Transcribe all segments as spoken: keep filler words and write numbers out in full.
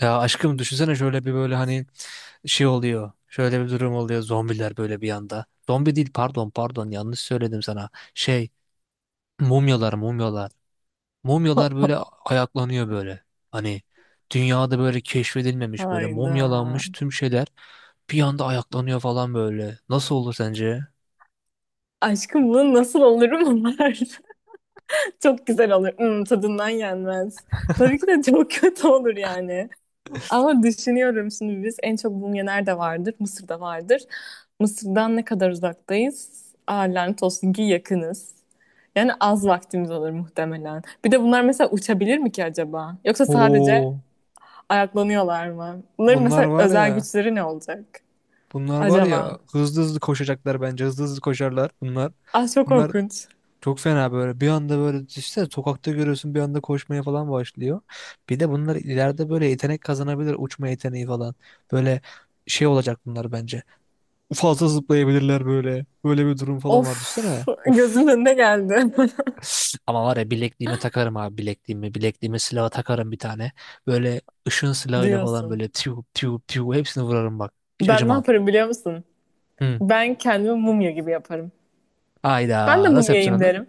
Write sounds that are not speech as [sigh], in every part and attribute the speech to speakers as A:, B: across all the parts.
A: Ya aşkım düşünsene şöyle bir böyle hani şey oluyor. Şöyle bir durum oluyor. Zombiler böyle bir anda. Zombi değil, pardon, pardon, yanlış söyledim sana. Şey, mumyalar, mumyalar. Mumyalar böyle
B: [laughs]
A: ayaklanıyor böyle. Hani dünyada böyle keşfedilmemiş böyle mumyalanmış
B: Hayda.
A: tüm şeyler bir anda ayaklanıyor falan böyle. Nasıl olur sence?
B: Aşkım bunu nasıl olurum var? [laughs] Çok güzel olur. Hmm, tadından yenmez. Tabii ki de çok [laughs] kötü olur yani. Ama düşünüyorum şimdi biz en çok mum nerede vardır? Mısır'da vardır. Mısır'dan ne kadar uzaktayız? Aa, lanet olsun ki yakınız. Yani az vaktimiz olur muhtemelen. Bir de bunlar mesela uçabilir mi ki acaba? Yoksa sadece
A: Oo,
B: ayaklanıyorlar mı? Bunların
A: bunlar
B: mesela
A: var
B: özel
A: ya.
B: güçleri ne olacak
A: Bunlar var
B: acaba?
A: ya, hızlı hızlı koşacaklar bence. Hızlı hızlı koşarlar bunlar.
B: Ah çok
A: Bunlar
B: korkunç.
A: Çok fena, böyle bir anda böyle işte sokakta görüyorsun, bir anda koşmaya falan başlıyor. Bir de bunlar ileride böyle yetenek kazanabilir, uçma yeteneği falan. Böyle şey olacak bunlar bence. Fazla zıplayabilirler böyle. Böyle bir durum falan var,
B: Of
A: düşünsene. Uf.
B: gözümün önüne geldi
A: Ama var ya, bilekliğime takarım abi, bilekliğimi. Bilekliğime silaha takarım bir tane. Böyle ışın
B: [laughs]
A: silahıyla falan
B: diyorsun.
A: böyle tiu tiu tiu hepsini vurarım bak. Hiç
B: Ben ne
A: acımam.
B: yaparım biliyor musun?
A: Hı.
B: Ben kendimi mumya gibi yaparım. Ben de
A: Ayda nasıl
B: mumyayım
A: yapacaksın onu?
B: derim.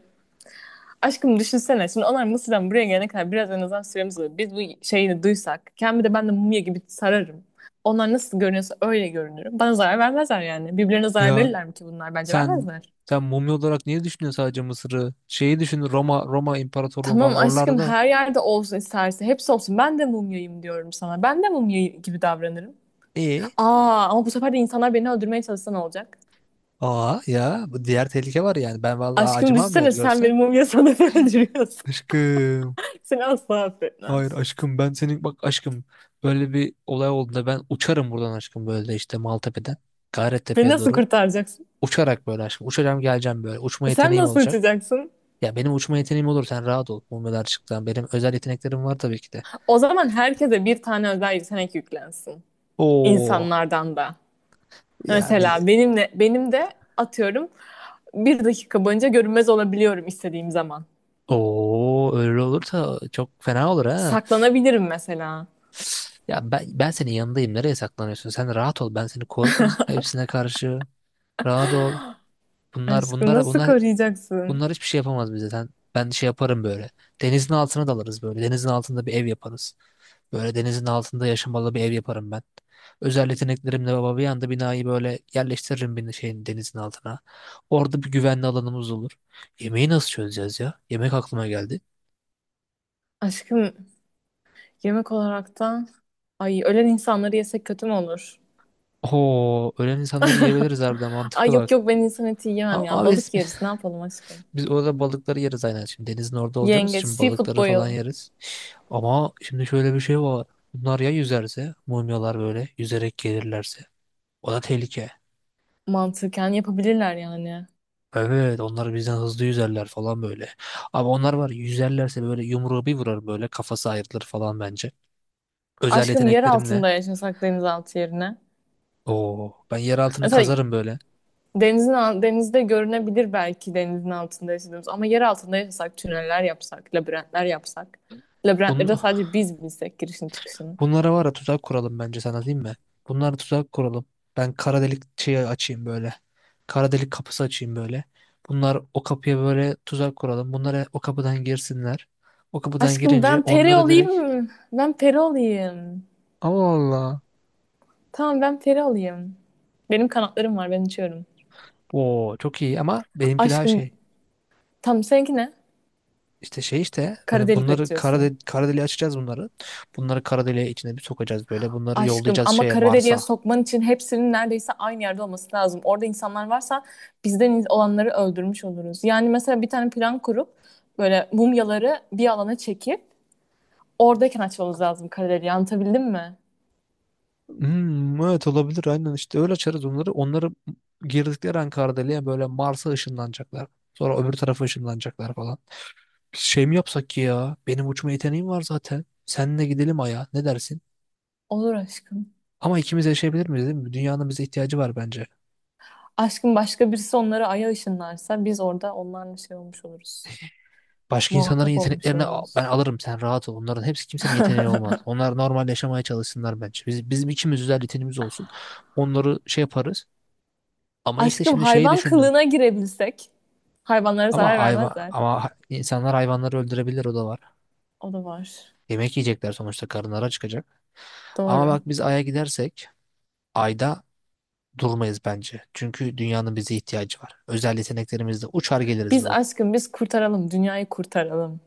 B: Aşkım düşünsene şimdi onlar Mısır'dan buraya gelene kadar biraz en azından süremiz olur. Biz bu şeyini duysak kendimi de ben de mumya gibi sararım. Onlar nasıl görünüyorsa öyle görünürüm. Bana zarar vermezler yani. Birbirlerine zarar
A: Ya
B: verirler mi ki bunlar? Bence
A: Sen
B: vermezler.
A: sen mumya olarak niye düşünüyorsun sadece Mısır'ı? Şeyi düşün, Roma, Roma İmparatorluğu
B: Tamam
A: falan, oralarda
B: aşkım
A: da.
B: her yerde olsun isterse hepsi olsun. Ben de mumyayım diyorum sana. Ben de mumya gibi davranırım.
A: E,
B: Aa ama bu sefer de insanlar beni öldürmeye çalışsa ne olacak?
A: aa, ya bu diğer tehlike var yani. Ben vallahi
B: Aşkım
A: acımam ben,
B: düşünsene sen
A: görsen.
B: benim mumya sanatı [laughs] öldürüyorsun.
A: Aşkım.
B: Seni asla affetmem.
A: Hayır aşkım, ben senin, bak aşkım, böyle bir olay olduğunda ben uçarım buradan aşkım, böyle işte Maltepe'den
B: Beni
A: Gayrettepe'ye
B: nasıl
A: doğru
B: kurtaracaksın?
A: uçarak, böyle aşkım uçacağım geleceğim, böyle uçma
B: Sen
A: yeteneğim
B: nasıl
A: olacak.
B: uçacaksın?
A: Ya benim uçma yeteneğim olur, sen rahat ol, mumyalar çıktı, benim özel yeteneklerim var tabii ki de.
B: O zaman herkese bir tane özel yetenek yüklensin.
A: Oo
B: İnsanlardan da.
A: ya bil
B: Mesela benimle, benim de atıyorum bir dakika boyunca görünmez olabiliyorum istediğim zaman.
A: Oo, öyle olursa çok fena olur ha.
B: Saklanabilirim mesela.
A: Ya ben, ben senin yanındayım. Nereye saklanıyorsun? Sen rahat ol. Ben seni korurum hepsine karşı. Rahat ol. Bunlar
B: Aşkım
A: bunlara
B: nasıl
A: bunlar
B: koruyacaksın?
A: bunlar hiçbir şey yapamaz bize. Sen, ben şey yaparım böyle. Denizin altına dalarız böyle. Denizin altında bir ev yaparız. Böyle denizin altında yaşamalı bir ev yaparım ben. Özel yeteneklerimle baba, bir anda binayı böyle yerleştiririm bir şeyin, denizin altına. Orada bir güvenli alanımız olur. Yemeği nasıl çözeceğiz ya? Yemek aklıma geldi.
B: Aşkım yemek olarak da ay ölen insanları yesek kötü mü olur?
A: Oo, ölen insanları yiyebiliriz, harbiden
B: Ay
A: mantıklı
B: yok
A: bak.
B: yok ben insan eti yiyemem
A: A-
B: ya.
A: Ama biz,
B: Balık yeriz ne yapalım aşkım?
A: biz orada balıkları yeriz aynen. Şimdi denizin orada olacağımız
B: Yengeç,
A: için
B: seafood
A: balıkları falan
B: boyalı
A: yeriz. Ama şimdi şöyle bir şey var. Bunlar ya yüzerse, mumyalar böyle yüzerek gelirlerse. O da tehlike.
B: mantıken yapabilirler yani.
A: Evet, onlar bizden hızlı yüzerler falan böyle. Ama onlar var ya, yüzerlerse böyle yumruğu bir vurar, böyle kafası ayrılır falan bence. Özel
B: Aşkım yer
A: yeteneklerimle.
B: altında yaşasak denizaltı yerine.
A: Oo, ben yer altını
B: Mesela
A: kazarım böyle.
B: denizin al- denizde görünebilir belki denizin altında yaşadığımız ama yer altında yaşasak tüneller yapsak, labirentler yapsak. Labirentleri de
A: Bunun
B: sadece biz bilsek girişini çıkışını.
A: Bunlara var ya tuzak kuralım bence, sana değil mi? Bunlara tuzak kuralım. Ben kara delik şeyi açayım böyle. Kara delik kapısı açayım böyle. Bunlar o kapıya, böyle tuzak kuralım. Bunlara, o kapıdan girsinler. O kapıdan
B: Aşkım
A: girince
B: ben peri
A: onlara direkt.
B: olayım mı? Ben peri olayım.
A: Allah Allah.
B: Tamam ben peri olayım. Benim kanatlarım var ben uçuyorum.
A: Oo çok iyi, ama benimki daha
B: Aşkım
A: şey.
B: tam seninki ne?
A: İşte şey, işte
B: Kara
A: hani
B: delik
A: bunları kara,
B: açıyorsun.
A: de kara deliğe açacağız bunları. Bunları kara deliğe içine bir sokacağız böyle. Bunları
B: Aşkım
A: yollayacağız
B: ama
A: şeye,
B: kara deliğe
A: Mars'a.
B: sokman için hepsinin neredeyse aynı yerde olması lazım. Orada insanlar varsa bizden iz- olanları öldürmüş oluruz. Yani mesela bir tane plan kurup böyle mumyaları bir alana çekip oradayken açmamız lazım kara deliği. Anlatabildim mi?
A: Hmm, evet olabilir, aynen işte öyle açarız onları. Onları girdikleri an Kardeli'ye, böyle Mars'a ışınlanacaklar. Sonra öbür tarafa ışınlanacaklar falan. Biz şey mi yapsak ki ya? Benim uçma yeteneğim var zaten. Seninle gidelim Ay'a, ne dersin?
B: Olur aşkım.
A: Ama ikimiz yaşayabilir miyiz, değil mi? Dünyanın bize ihtiyacı var bence.
B: Aşkım başka birisi onları aya ışınlarsa biz orada onlarla şey olmuş oluruz.
A: Başka insanların
B: Muhatap olmuş
A: yeteneklerini a- ben
B: oluruz.
A: alırım, sen rahat ol. Onların hepsi, kimsenin
B: [laughs]
A: yeteneği olmaz. Onlar normal yaşamaya çalışsınlar bence. Biz, bizim ikimiz özel yeteneğimiz olsun. Onları şey yaparız. Ama işte
B: Aşkım
A: şimdi şeyi
B: hayvan
A: düşündüm.
B: kılığına girebilsek hayvanlara
A: Ama
B: zarar
A: hayvan,
B: vermezler.
A: ama insanlar hayvanları öldürebilir, o da var.
B: O da var.
A: Yemek yiyecekler sonuçta, karınlara çıkacak. Ama
B: Doğru.
A: bak, biz Ay'a gidersek Ay'da durmayız bence. Çünkü dünyanın bize ihtiyacı var. Özel yeteneklerimizle uçar geliriz
B: Biz
A: bak.
B: aşkım biz kurtaralım, dünyayı kurtaralım.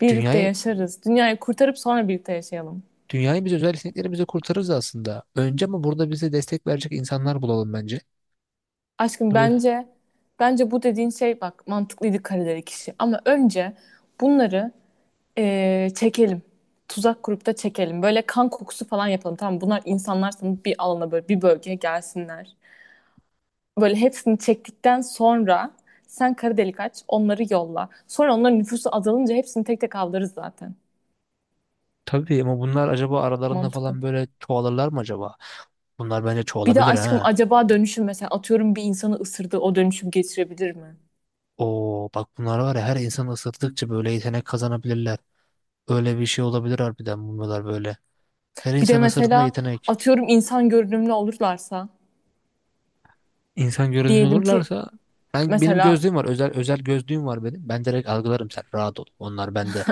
B: Birlikte
A: Dünyayı
B: yaşarız. Dünyayı kurtarıp sonra birlikte yaşayalım.
A: dünyayı biz özel yeteneklerimizle kurtarırız aslında. Önce ama burada bize destek verecek insanlar bulalım bence.
B: Aşkım
A: Tabii,
B: bence bence bu dediğin şey bak mantıklıydı kareleri kişi. Ama önce bunları eee, çekelim. Tuzak kurup da çekelim. Böyle kan kokusu falan yapalım. Tamam bunlar insanlar sanıp bir alana böyle bir bölgeye gelsinler. Böyle hepsini çektikten sonra sen kara delik aç onları yolla. Sonra onların nüfusu azalınca hepsini tek tek avlarız zaten.
A: tabii ama bunlar acaba aralarında
B: Mantıklı.
A: falan böyle çoğalırlar mı acaba? Bunlar bence
B: Bir de
A: çoğalabilir
B: aşkım
A: ha.
B: acaba dönüşüm mesela atıyorum bir insanı ısırdı o dönüşüm geçirebilir mi?
A: Oo bak, bunlar var ya, her insanı ısırttıkça böyle yetenek kazanabilirler. Öyle bir şey olabilir harbiden, bunlar böyle. Her
B: Bir de
A: insanı ısırdığında
B: mesela
A: yetenek.
B: atıyorum insan görünümlü olurlarsa
A: İnsan görünümlü
B: diyelim ki
A: olurlarsa, ben, benim
B: mesela
A: gözlüğüm var. Özel, özel gözlüğüm var benim. Ben direkt algılarım, sen rahat ol. Onlar bende.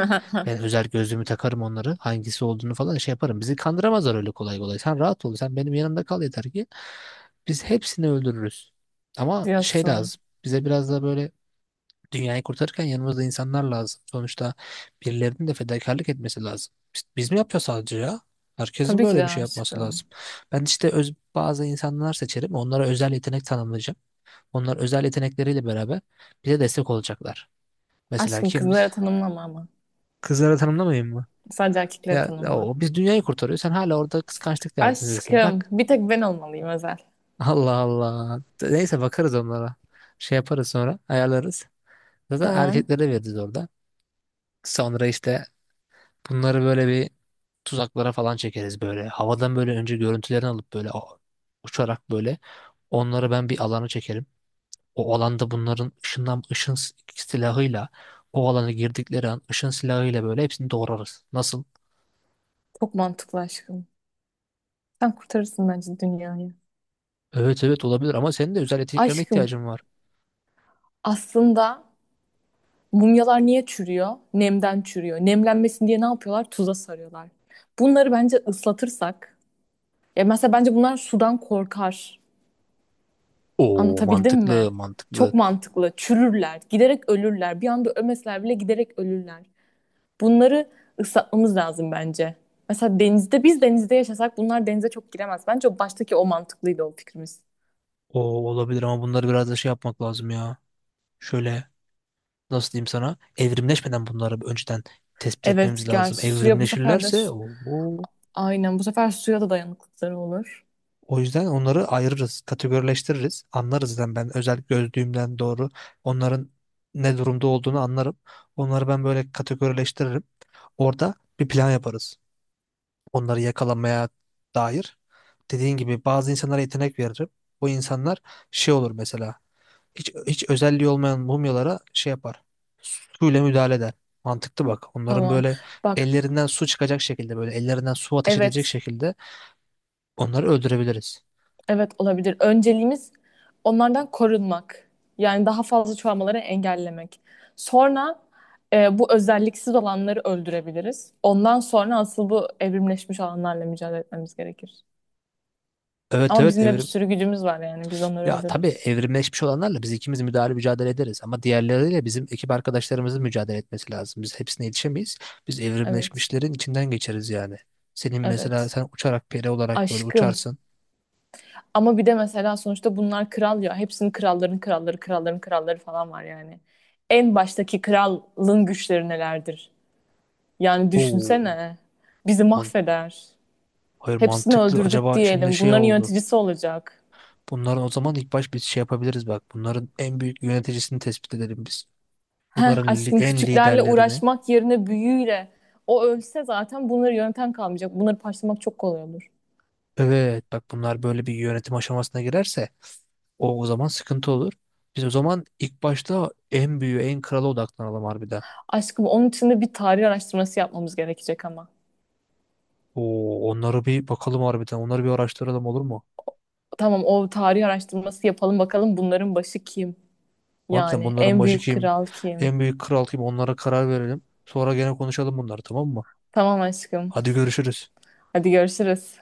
A: Ben özel gözlüğümü takarım onları. Hangisi olduğunu falan şey yaparım. Bizi kandıramazlar öyle kolay kolay. Sen rahat ol. Sen benim yanımda kal yeter ki biz hepsini öldürürüz. Ama şey
B: diyorsun.
A: lazım. Bize biraz da böyle dünyayı kurtarırken yanımızda insanlar lazım. Sonuçta birilerinin de fedakarlık etmesi lazım. Biz, biz mi yapıyoruz sadece ya? Herkesin
B: Tabii ki
A: böyle
B: de
A: bir şey yapması
B: aşkım.
A: lazım. Ben işte öz, bazı insanlar seçerim. Onlara özel yetenek tanımlayacağım. Onlar özel yetenekleriyle beraber bize destek olacaklar. Mesela
B: Aşkım
A: kim
B: kızlara tanımlama ama.
A: Kızları tanımlamayayım mı?
B: Sadece erkeklere
A: Ya
B: tanımla.
A: o, biz dünyayı kurtarıyoruz. Sen hala orada kıskançlık derdindesin.
B: Aşkım
A: Bırak.
B: bir tek ben olmalıyım özel.
A: [laughs] Allah Allah. Neyse, bakarız onlara. Şey yaparız, sonra ayarlarız. Zaten
B: Tamam.
A: erkeklere veririz orada. Sonra işte bunları böyle bir tuzaklara falan çekeriz böyle. Havadan böyle önce görüntülerini alıp böyle o- uçarak böyle onları ben bir alana çekerim. O alanda bunların ışından ışın s- silahıyla, o alana girdikleri an ışın silahıyla böyle hepsini doğrarız. Nasıl?
B: Çok mantıklı aşkım. Sen kurtarırsın bence dünyayı.
A: Evet evet, olabilir ama senin de özel yeteneklerine
B: Aşkım
A: ihtiyacın var.
B: aslında mumyalar niye çürüyor? Nemden çürüyor. Nemlenmesin diye ne yapıyorlar? Tuza sarıyorlar. Bunları bence ıslatırsak, ya mesela bence bunlar sudan korkar.
A: Oo
B: Anlatabildim mi?
A: mantıklı, mantıklı.
B: Çok mantıklı. Çürürler, giderek ölürler. Bir anda ölmeseler bile giderek ölürler. Bunları ıslatmamız lazım bence. Mesela denizde, biz denizde yaşasak bunlar denize çok giremez. Bence baştaki o mantıklıydı o fikrimiz.
A: Oo olabilir, ama bunları biraz da şey yapmak lazım ya. Şöyle, nasıl diyeyim sana? Evrimleşmeden bunları önceden tespit
B: Evet,
A: etmemiz
B: gel
A: lazım.
B: suya bu sefer de...
A: Evrimleşirlerse o.
B: Aynen, bu sefer suya da dayanıklılıkları olur.
A: O yüzden onları ayırırız, kategorileştiririz, anlarız. Yani ben özel gözlüğümden doğru onların ne durumda olduğunu anlarım. Onları ben böyle kategorileştiririm. Orada bir plan yaparız. Onları yakalamaya dair. Dediğin gibi bazı insanlara yetenek veririm. Bu insanlar şey olur mesela. Hiç, hiç özelliği olmayan mumyalara şey yapar. Suyla müdahale eder. Mantıklı bak. Onların
B: Tamam.
A: böyle
B: Bak,
A: ellerinden su çıkacak şekilde, böyle ellerinden su ateş edecek
B: evet.
A: şekilde onları öldürebiliriz.
B: Evet olabilir. Önceliğimiz onlardan korunmak. Yani daha fazla çoğalmaları engellemek. Sonra e, bu özelliksiz olanları öldürebiliriz. Ondan sonra asıl bu evrimleşmiş olanlarla mücadele etmemiz gerekir.
A: Evet
B: Ama
A: evet,
B: bizim de bir
A: Evrim.
B: sürü gücümüz var yani. Biz onları
A: Ya tabii,
B: öldürürüz.
A: evrimleşmiş olanlarla biz ikimiz müdahale, mücadele ederiz, ama diğerleriyle bizim ekip arkadaşlarımızın mücadele etmesi lazım. Biz hepsine yetişemeyiz. Biz
B: Evet.
A: evrimleşmişlerin içinden geçeriz yani. Senin mesela,
B: Evet.
A: sen uçarak, peri olarak böyle
B: Aşkım.
A: uçarsın.
B: Ama bir de mesela sonuçta bunlar kral ya. Hepsinin kralların kralları, kralların kralları falan var yani. En baştaki kralın güçleri nelerdir? Yani
A: Oo,
B: düşünsene. Bizi
A: man
B: mahveder.
A: hayır
B: Hepsini
A: mantıklı.
B: öldürdük
A: Acaba şimdi
B: diyelim.
A: şey
B: Bunların
A: oldu.
B: yöneticisi olacak.
A: Bunların o zaman ilk baş biz şey yapabiliriz bak. Bunların en büyük yöneticisini tespit edelim biz.
B: Heh,
A: Bunların li-
B: aşkım
A: en
B: küçüklerle
A: liderlerini.
B: uğraşmak yerine büyüğüyle. O ölse zaten bunları yöneten kalmayacak. Bunları parçalamak çok kolay olur.
A: Evet bak, bunlar böyle bir yönetim aşamasına girerse O, o zaman sıkıntı olur. Biz o zaman ilk başta en büyüğü, en krala odaklanalım harbiden.
B: Aşkım onun için de bir tarih araştırması yapmamız gerekecek ama.
A: Oo, onları bir bakalım harbiden. Onları bir araştıralım, olur mu?
B: Tamam o tarih araştırması yapalım bakalım bunların başı kim?
A: Harbiden
B: Yani
A: bunların
B: en
A: başı
B: büyük
A: kim?
B: kral kim?
A: En büyük kral kim? Onlara karar verelim. Sonra gene konuşalım bunları, tamam mı?
B: Tamam aşkım.
A: Hadi görüşürüz.
B: Hadi görüşürüz.